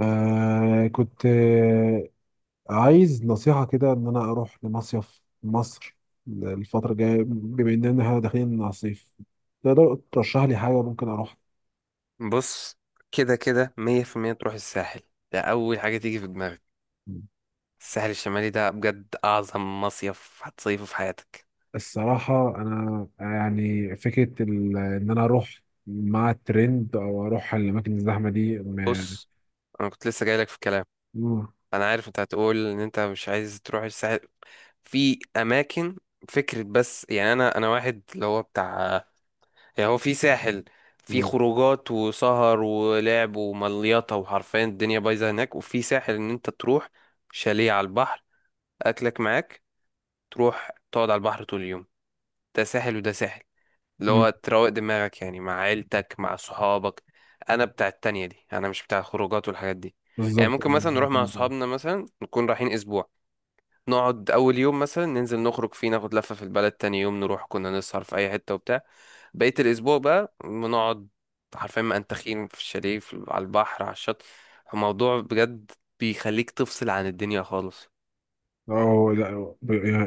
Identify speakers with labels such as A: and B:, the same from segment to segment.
A: كنت عايز نصيحة كده إن أنا أروح لمصيف مصر الفترة الجاية، بما إننا إحنا داخلين على الصيف. تقدر ترشح لي حاجة ممكن أروح؟
B: بص، كده كده مية في المية تروح الساحل. ده أول حاجة تيجي في دماغك. الساحل الشمالي ده بجد أعظم مصيف هتصيفه في حياتك.
A: الصراحة أنا يعني فكرة إن أنا أروح مع الترند أو أروح الأماكن الزحمة دي
B: بص، أنا كنت لسه جايلك في الكلام.
A: مم.
B: أنا عارف أنت هتقول إن أنت مش عايز تروح الساحل في أماكن. فكرة، بس يعني أنا واحد اللي هو بتاع، يعني هو في ساحل في
A: مم.
B: خروجات وسهر ولعب ومليطة وحرفيا الدنيا بايظة هناك، وفي ساحل إن أنت تروح شاليه على البحر، أكلك معاك، تروح تقعد على البحر طول اليوم. ده ساحل وده ساحل اللي
A: مم.
B: هو تروق دماغك يعني، مع عيلتك مع صحابك. انا بتاع التانية دي، انا مش بتاع الخروجات والحاجات دي. يعني
A: بالظبط.
B: ممكن مثلا نروح مع صحابنا مثلا نكون رايحين اسبوع، نقعد اول يوم مثلا ننزل نخرج فيه ناخد لفة في البلد، تاني يوم نروح كنا نسهر في اي حتة وبتاع. بقية الاسبوع بقى بنقعد حرفيا منتخين في الشاليه على البحر على الشط. الموضوع بجد بيخليك تفصل عن الدنيا خالص.
A: أه، لا،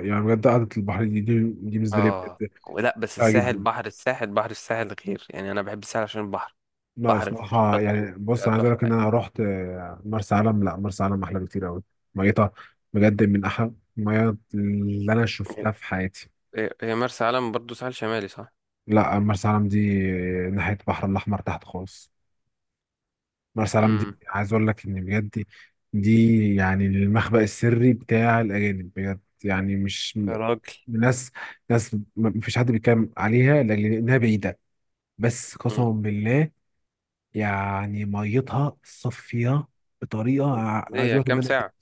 A: يعني بجد قعدة البحر دي بالنسبة لي
B: اه،
A: بجد
B: لا بس
A: ممتعة
B: الساحل
A: جدا.
B: بحر، الساحل بحر، الساحل غير يعني، انا بحب الساحل عشان البحر،
A: لا،
B: بحر
A: صراحة
B: الشط
A: يعني، بص،
B: وبتاع
A: أنا عايز أقول
B: تحفة
A: لك إن
B: يعني.
A: أنا رحت مرسى علم. لا، مرسى علم أحلى بكتير أوي. ميتها، بجد، من أحلى المياه اللي أنا شفتها في حياتي.
B: هي مرسى علم برضو ساحل شمالي صح؟
A: لا، مرسى علم دي ناحية البحر الأحمر تحت خالص. مرسى علم دي
B: امم
A: عايز أقول لك إن بجد دي يعني المخبأ السري بتاع الأجانب، بجد، يعني مش
B: يا راجل.
A: ناس، مفيش حد بيتكلم عليها لأنها بعيدة. بس
B: امم
A: قسما بالله، يعني ميتها صافية بطريقة عايز
B: ليه، هي
A: اقول لك ان
B: كام
A: انا.
B: ساعة؟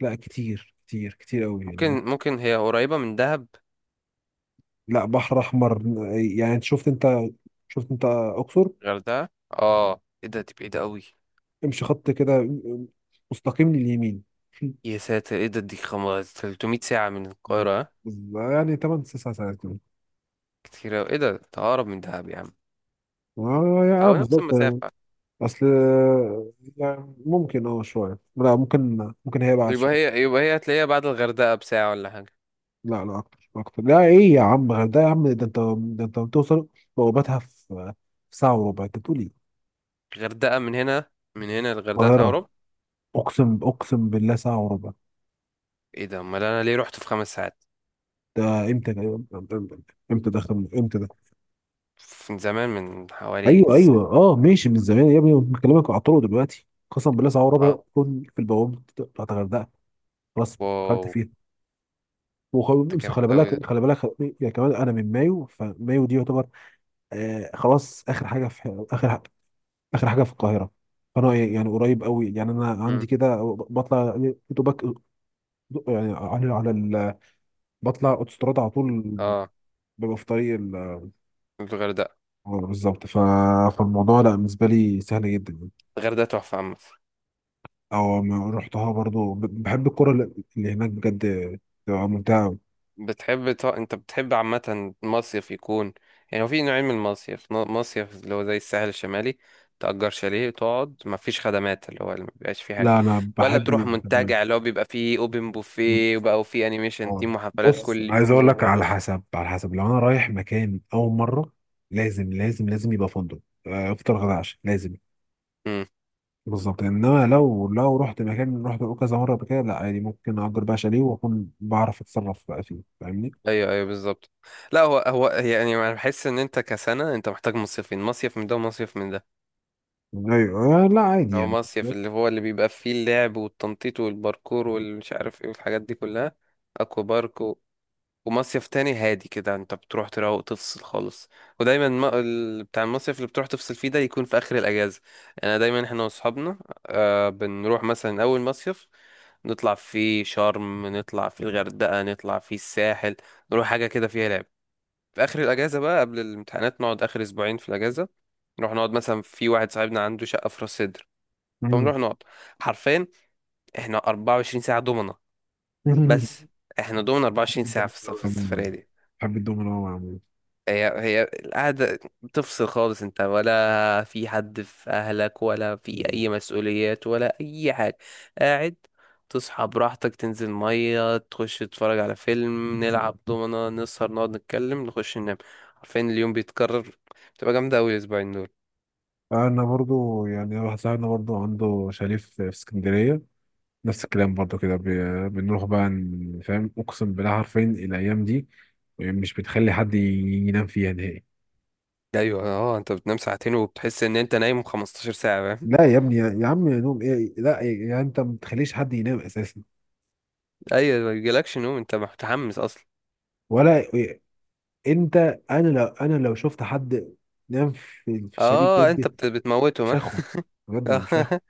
A: لا، كتير كتير كتير قوي، يعني
B: ممكن هي قريبة من دهب.
A: لا، بحر احمر. يعني انت شفت انت اقصر.
B: غردقة، اه ايه ده، دي بعيدة قوي.
A: امشي خط كده مستقيم لليمين.
B: يا ساتر ايه ده، دي خمس 300 ساعة من القاهرة ها؟
A: يعني 8 9 ساعات كده.
B: كتير قوي، ايه ده تقرب من دهب يا عم،
A: اه،
B: او نفس
A: بالظبط يعني.
B: المسافة.
A: اصل يعني ممكن شوية، لا ممكن هي بعد
B: يبقى
A: شوية.
B: هي يبقى هي هتلاقيها بعد الغردقة بساعة ولا حاجة.
A: لا لا، اكتر اكتر، لا ايه يا عم، غير ده يا عم، ده انت بتوصل بوابتها في ساعة وربع. انت بتقول ايه؟
B: الغردقة من هنا، للغردقة
A: القاهرة.
B: تقرب.
A: أقسم بالله ساعة وربع.
B: ايه ده، امال انا ليه رحت في خمس ساعات؟
A: ده إمتى ده؟ إمتى ده إمتى ده؟
B: من زمان، من حوالي
A: أيوه، أيوه، ماشي، من زمان يا ابني، بكلمك على الطرق دلوقتي، قسما بالله ساعة وربع
B: اه.
A: كنت في البوابة بتاعت الغردقة. خلاص.
B: واو.
A: دخلت فيها
B: ده
A: وخلاص.
B: جامد
A: خلي
B: أوي ده.
A: بالك، خلي بالك. يعني كمان أنا من مايو، فمايو دي يعتبر خلاص آخر حاجة في آخر حاجة في القاهرة. فأنا يعني قريب قوي، يعني أنا
B: مم.
A: عندي كده. بطلع دوبك يعني بطلع أوتوستراد على طول.
B: اه.
A: ببقى في طريق.
B: الغردقة،
A: اه، بالظبط، فالموضوع لا بالنسبه لي سهل جدا يعني.
B: الغردقة تحفة عامة.
A: او ما رحتها برضو، بحب الكره اللي هناك بجد، بتبقى ممتعه أوي.
B: انت بتحب عامة مصيف يكون، يعني هو في نوعين من المصيف، مصيف اللي هو زي الساحل الشمالي، تأجر شاليه وتقعد مفيش خدمات اللي هو اللي مبيبقاش فيه حاجة،
A: لا، انا
B: ولا
A: بحب اللي
B: تروح
A: بتعمله.
B: منتجع اللي هو بيبقى فيه اوبن بوفيه
A: بالظبط.
B: وبقى وفيه انيميشن تيم
A: اه،
B: وحفلات
A: بص،
B: كل
A: عايز
B: يوم
A: اقول لك: على
B: وبرو.
A: حسب، على حسب لو انا رايح مكان اول مره، لازم لازم لازم يبقى فندق، افطر غدا عشاء، لازم.
B: امم.
A: بالظبط. انما لو، رحت مكان، رحت كذا مره قبل كده، لا عادي، ممكن اجر بقى شاليه واكون بعرف اتصرف بقى فيه، فاهمني؟
B: ايوه ايوه بالظبط. لا، هو يعني انا بحس ان انت كسنة انت محتاج مصيفين، مصيف من ده ومصيف من ده.
A: ايوه. لا عادي
B: هو
A: يعني.
B: مصيف اللي هو اللي بيبقى فيه اللعب والتنطيط والباركور والمش عارف ايه والحاجات دي كلها، اكوا بارك و... ومصيف تاني هادي كده انت بتروح تروق تفصل خالص. ودايما ما... ال- بتاع المصيف اللي بتروح تفصل فيه ده يكون في اخر الاجازه. انا دايما احنا واصحابنا آه بنروح مثلا اول مصيف، نطلع فيه شرم، نطلع فيه الغردقه، نطلع فيه الساحل، نروح حاجه كده فيها لعب. في اخر الاجازه بقى قبل الامتحانات نقعد اخر اسبوعين في الاجازه، نروح نقعد مثلا في واحد صاحبنا عنده شقه في راس سدر، فنروح
A: مم.
B: نقعد حرفيا احنا 24 ساعة دومنا، بس دومنا
A: بحب
B: 24 ساعة في
A: الدومينو
B: في
A: عموما.
B: السفرية دي.
A: بحب الدومينو أوي عموما.
B: هي القعدة بتفصل خالص، انت ولا في حد في اهلك ولا في
A: أيوة.
B: اي مسؤوليات ولا اي حاجة، قاعد تصحى براحتك، تنزل مية، تخش تتفرج على فيلم، نلعب دومنا، نسهر، نقعد نتكلم، نخش ننام، عارفين اليوم بيتكرر. بتبقى جامدة أوي الأسبوعين دول.
A: أنا برضو، يعني واحد صاحبنا برضو عنده شاليه في اسكندرية، نفس الكلام برضو كده، بنروح بقى فاهم، أقسم بالله حرفيا الأيام دي مش بتخلي حد ينام فيها نهائي.
B: أيوة، اه، انت بتنام ساعتين وبتحس ان انت نايم 15 ساعة.
A: لا يا ابني، يا عم، يا نوم ايه، لا يعني انت ما بتخليش حد ينام اساسا.
B: ايوه، ما بيجيلكش نوم انت متحمس اصلا.
A: ولا انت، انا لو شفت حد نام في الشاليه
B: اه انت
A: بجد،
B: بتموته
A: مش
B: ما.
A: هاخد، بجد مش هاخد.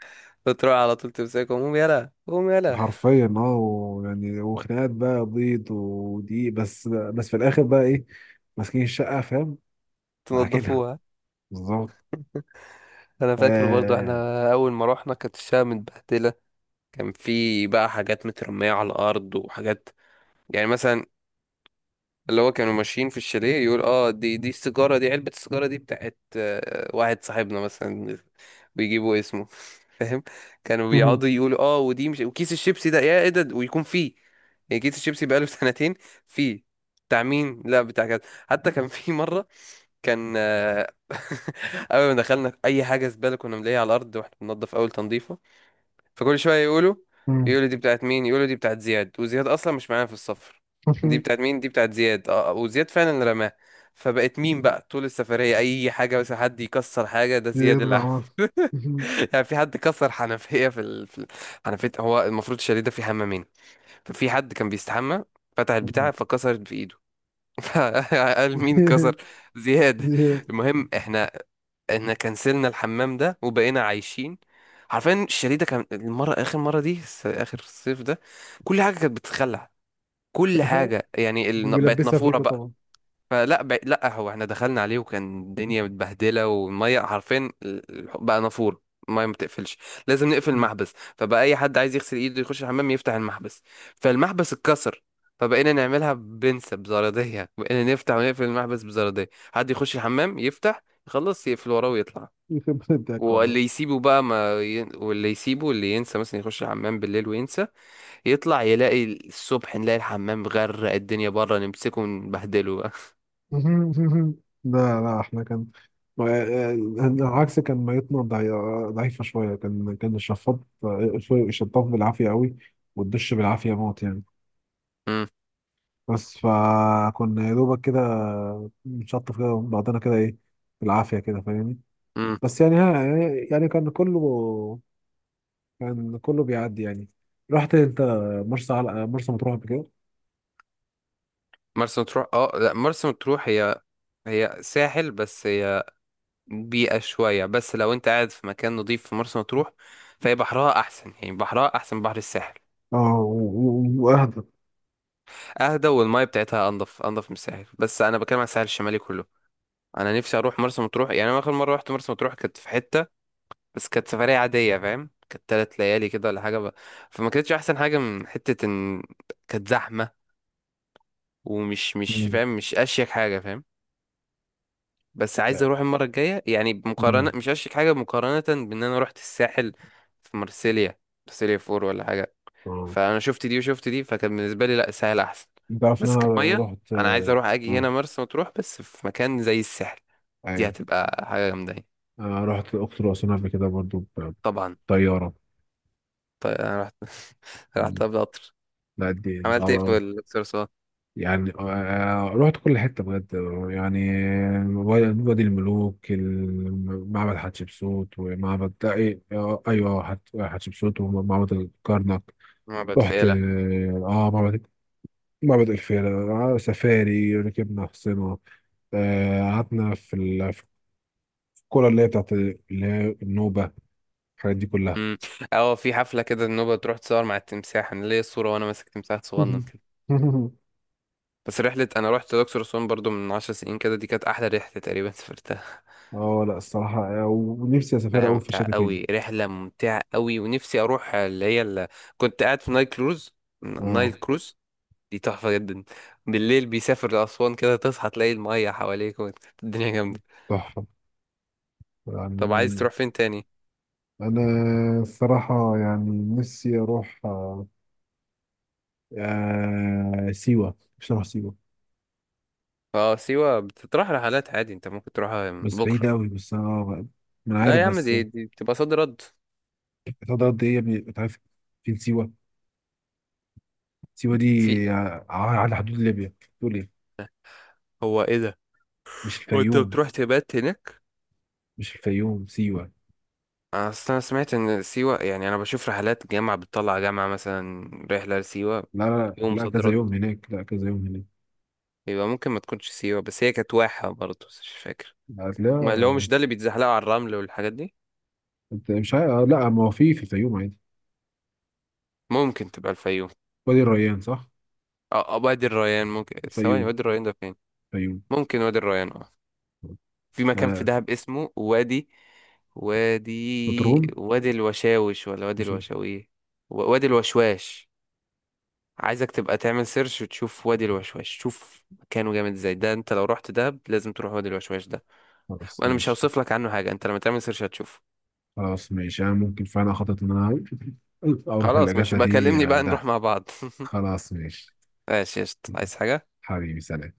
B: بتروح على طول تمسكه، قوم يلا قوم يلا.
A: حرفيا، اه، ويعني، وخناقات بقى بيض ودقيق، بس في الاخر بقى ايه؟ ماسكين الشقه، فاهم؟ عاكلها،
B: تنضفوها.
A: بالظبط.
B: انا فاكر برضو احنا
A: آه.
B: اول ما رحنا كانت الشقه متبهدله، كان في بقى حاجات مترميه على الارض وحاجات، يعني مثلا اللي هو كانوا ماشيين في الشاليه يقول اه دي السيجاره، علبه السيجاره دي بتاعت واحد صاحبنا مثلا، بيجيبوا اسمه، فاهم. كانوا بيقعدوا يقولوا اه ودي مش، وكيس الشيبسي ده يا ايه ده، ويكون فيه، يعني كيس الشيبسي بقاله سنتين، فيه بتاع مين، لا بتاع كذا. حتى كان في مره، كان اول ما دخلنا في اي حاجه زباله كنا بنلاقيها على الارض واحنا بننضف اول تنظيفه، فكل شويه يقولوا، يقولوا دي بتاعت مين، يقولوا دي بتاعت زياد. وزياد اصلا مش معانا في السفر، دي بتاعت مين، دي بتاعت زياد، اه وزياد فعلا رماها. فبقت مين بقى طول السفريه اي حاجه بس حد يكسر حاجه، ده زياد.
A: زياد العمر.
B: يعني في حد كسر حنفية في حنفية. هو المفروض الشاليه ده فيه حمامين، ففي حد كان بيستحمى، فتح البتاع فكسرت في ايده، فقال مين كسر؟ زياد.
A: زياد
B: المهم احنا كنسلنا الحمام ده وبقينا عايشين عارفين الشاليه ده، كان المرة آخر مرة دي آخر الصيف ده كل حاجة كانت بتتخلع، كل حاجة يعني بقت
A: بيلبسها
B: نافورة
A: فيكوا
B: بقى.
A: طبعا.
B: لا هو احنا دخلنا عليه وكان الدنيا متبهدله والميه حرفيا بقى نافور، الميه ما بتقفلش، لازم نقفل المحبس. فبقى اي حد عايز يغسل ايده يخش الحمام يفتح المحبس، فالمحبس اتكسر. فبقينا نعملها بنسة بزرادية، بقينا نفتح ونقفل المحبس بزرادية، حد يخش الحمام يفتح يخلص يقفل وراه ويطلع.
A: يخرب بيتك والله.
B: واللي يسيبه بقى ما ي... واللي يسيبه، اللي ينسى مثلا يخش الحمام بالليل وينسى، يطلع يلاقي الصبح، نلاقي الحمام غرق الدنيا بره، نمسكه ونبهدله بقى.
A: لا لا، احنا كان آه، العكس، كان ميتنا ضعيفة شوية، كان الشفاط، الشطاف بالعافية قوي، والدش بالعافية موت يعني. بس فكنا يا دوبك كده بنشطف كده بعضنا كده ايه، بالعافية كده، فاهمني.
B: مم.
A: بس يعني ها، يعني كان كله بيعدي يعني. رحت انت مرسى، على مرسى مطروح قبل كده؟
B: مرسى مطروح، اه لا مرسى مطروح هي، هي ساحل بس هي بيئة شوية، بس لو انت قاعد في مكان نظيف في مرسى مطروح فهي بحرها احسن يعني، بحرها احسن من بحر الساحل.
A: اه، واهدى.
B: اهدى والمية بتاعتها انضف، انضف من الساحل، بس انا بتكلم عن الساحل الشمالي كله. انا نفسي اروح مرسى مطروح يعني، انا اخر مرة رحت مرسى مطروح كانت في حتة، بس كانت سفرية عادية فاهم، كانت تلات ليالي كده ولا حاجة فما كانتش احسن حاجة من حتة ان كانت زحمة ومش، مش
A: مم.
B: فاهم، مش اشيك حاجة فاهم. بس عايز اروح المره الجايه يعني، بمقارنه،
A: مم.
B: مش هشتك حاجه، مقارنه بان انا رحت الساحل في مرسيليا، مرسيليا فور ولا حاجه،
A: اه،
B: فانا شفت دي وشفت دي، فكان بالنسبه لي لا الساحل احسن.
A: انت عارف ان
B: بس
A: انا
B: كميه،
A: رحت،
B: انا عايز اروح اجي
A: آه،
B: هنا مرسى مطروح بس في مكان زي الساحل، دي
A: ايوه،
B: هتبقى حاجه جامده يعني.
A: رحت الاقصر واسوان قبل كده برضو،
B: طبعا.
A: بطيارة.
B: طيب انا رحت
A: مم.
B: رحت قطر.
A: لا، دي
B: عملت
A: صعبة
B: ايه في
A: أوي.
B: الاقصر اسوان؟
A: يعني رحت كل حتة بجد. يعني وادي الملوك، معبد حتشبسوت، ومعبد، لا، إيه، أيوه، حتشبسوت، ومعبد الكرنك.
B: معبد
A: رحت،
B: فيلة.
A: معبد الفيلة، سفاري، ركبنا حصينة، قعدنا في الكرة اللي هي بتاعت اللي هي النوبة، الحاجات دي كلها.
B: امم. اه في حفله كده النوبه تروح تصور مع التمساح، انا ليا الصوره وانا ماسك تمساح صغنن كده. بس رحلة، أنا رحت الأقصر وأسوان برضو من عشر سنين كده، دي كانت أحلى رحلة تقريبا سافرتها.
A: اه، لا، الصراحة، ونفسي أسافر
B: رحلة
A: أوي في
B: ممتعة
A: الشتاء تاني.
B: أوي، رحلة ممتعة أوي. ونفسي أروح اللي هي اللي، كنت قاعد في نايل كروز، نايل
A: اه،
B: كروز دي تحفة جدا، بالليل بيسافر لأسوان كده، تصحى تلاقي المية حواليك الدنيا جامدة.
A: تحفة
B: طب عايز
A: يعني.
B: تروح فين تاني؟
A: انا، الصراحه، يعني نفسي اروح، سيوه. مش هروح سيوه،
B: اه سيوة بتطرح رحلات عادي، انت ممكن تروحها
A: بس بعيد
B: بكرة.
A: قوي، بس انا ما، انا
B: لا
A: عارف
B: يا عم،
A: بس.
B: دي بتبقى صد رد.
A: هتقعد قد ايه يا ابني؟ انت عارف فين سيوه؟ سيوه
B: في،
A: دي على حدود ليبيا، تقول ايه؟
B: هو ايه ده؟
A: مش
B: هو انت
A: الفيوم.
B: بتروح تبات هناك؟
A: مش الفيوم، سيوه.
B: اصل انا سمعت ان سيوة، يعني انا بشوف رحلات جامعة بتطلع جامعة مثلا رحلة لسيوة
A: لا لا
B: يوم. مم.
A: لا،
B: صد
A: كذا
B: رد.
A: يوم هناك. لا، كذا يوم هناك.
B: يبقى ممكن ما تكونش سيوة، بس هي كانت واحة برضه بس مش فاكر. اللي هو مش
A: هتلاقيها.
B: ده اللي بيتزحلقوا على الرمل والحاجات دي؟
A: انت مش عارف. لا، ما هو في الفيوم عادي،
B: ممكن تبقى الفيوم.
A: وادي الريان، صح؟
B: اه وادي الريان. ممكن ثواني،
A: الفيوم.
B: وادي الريان ده فين؟
A: الفيوم.
B: ممكن وادي الريان، اه. في
A: لا
B: مكان في
A: لا،
B: دهب اسمه وادي، وادي
A: نطرون.
B: وادي الوشاوش ولا وادي
A: مش.
B: الوشاوي، وادي الوشواش. عايزك تبقى تعمل سيرش وتشوف وادي الوشواش، شوف مكانه جامد ازاي، ده انت لو رحت دهب لازم تروح وادي الوشواش ده،
A: خلاص
B: وانا مش
A: ماشي.
B: هوصف لك عنه حاجه، انت لما تعمل سيرش هتشوف.
A: خلاص ماشي، انا ممكن فعلا خطط ان انا اروح
B: خلاص ماشي
A: الاجازه
B: بقى،
A: دي
B: كلمني بقى نروح
A: دهب.
B: مع بعض.
A: خلاص ماشي.
B: ماشي قشطة. عايز حاجه؟
A: حبيبي، سلام.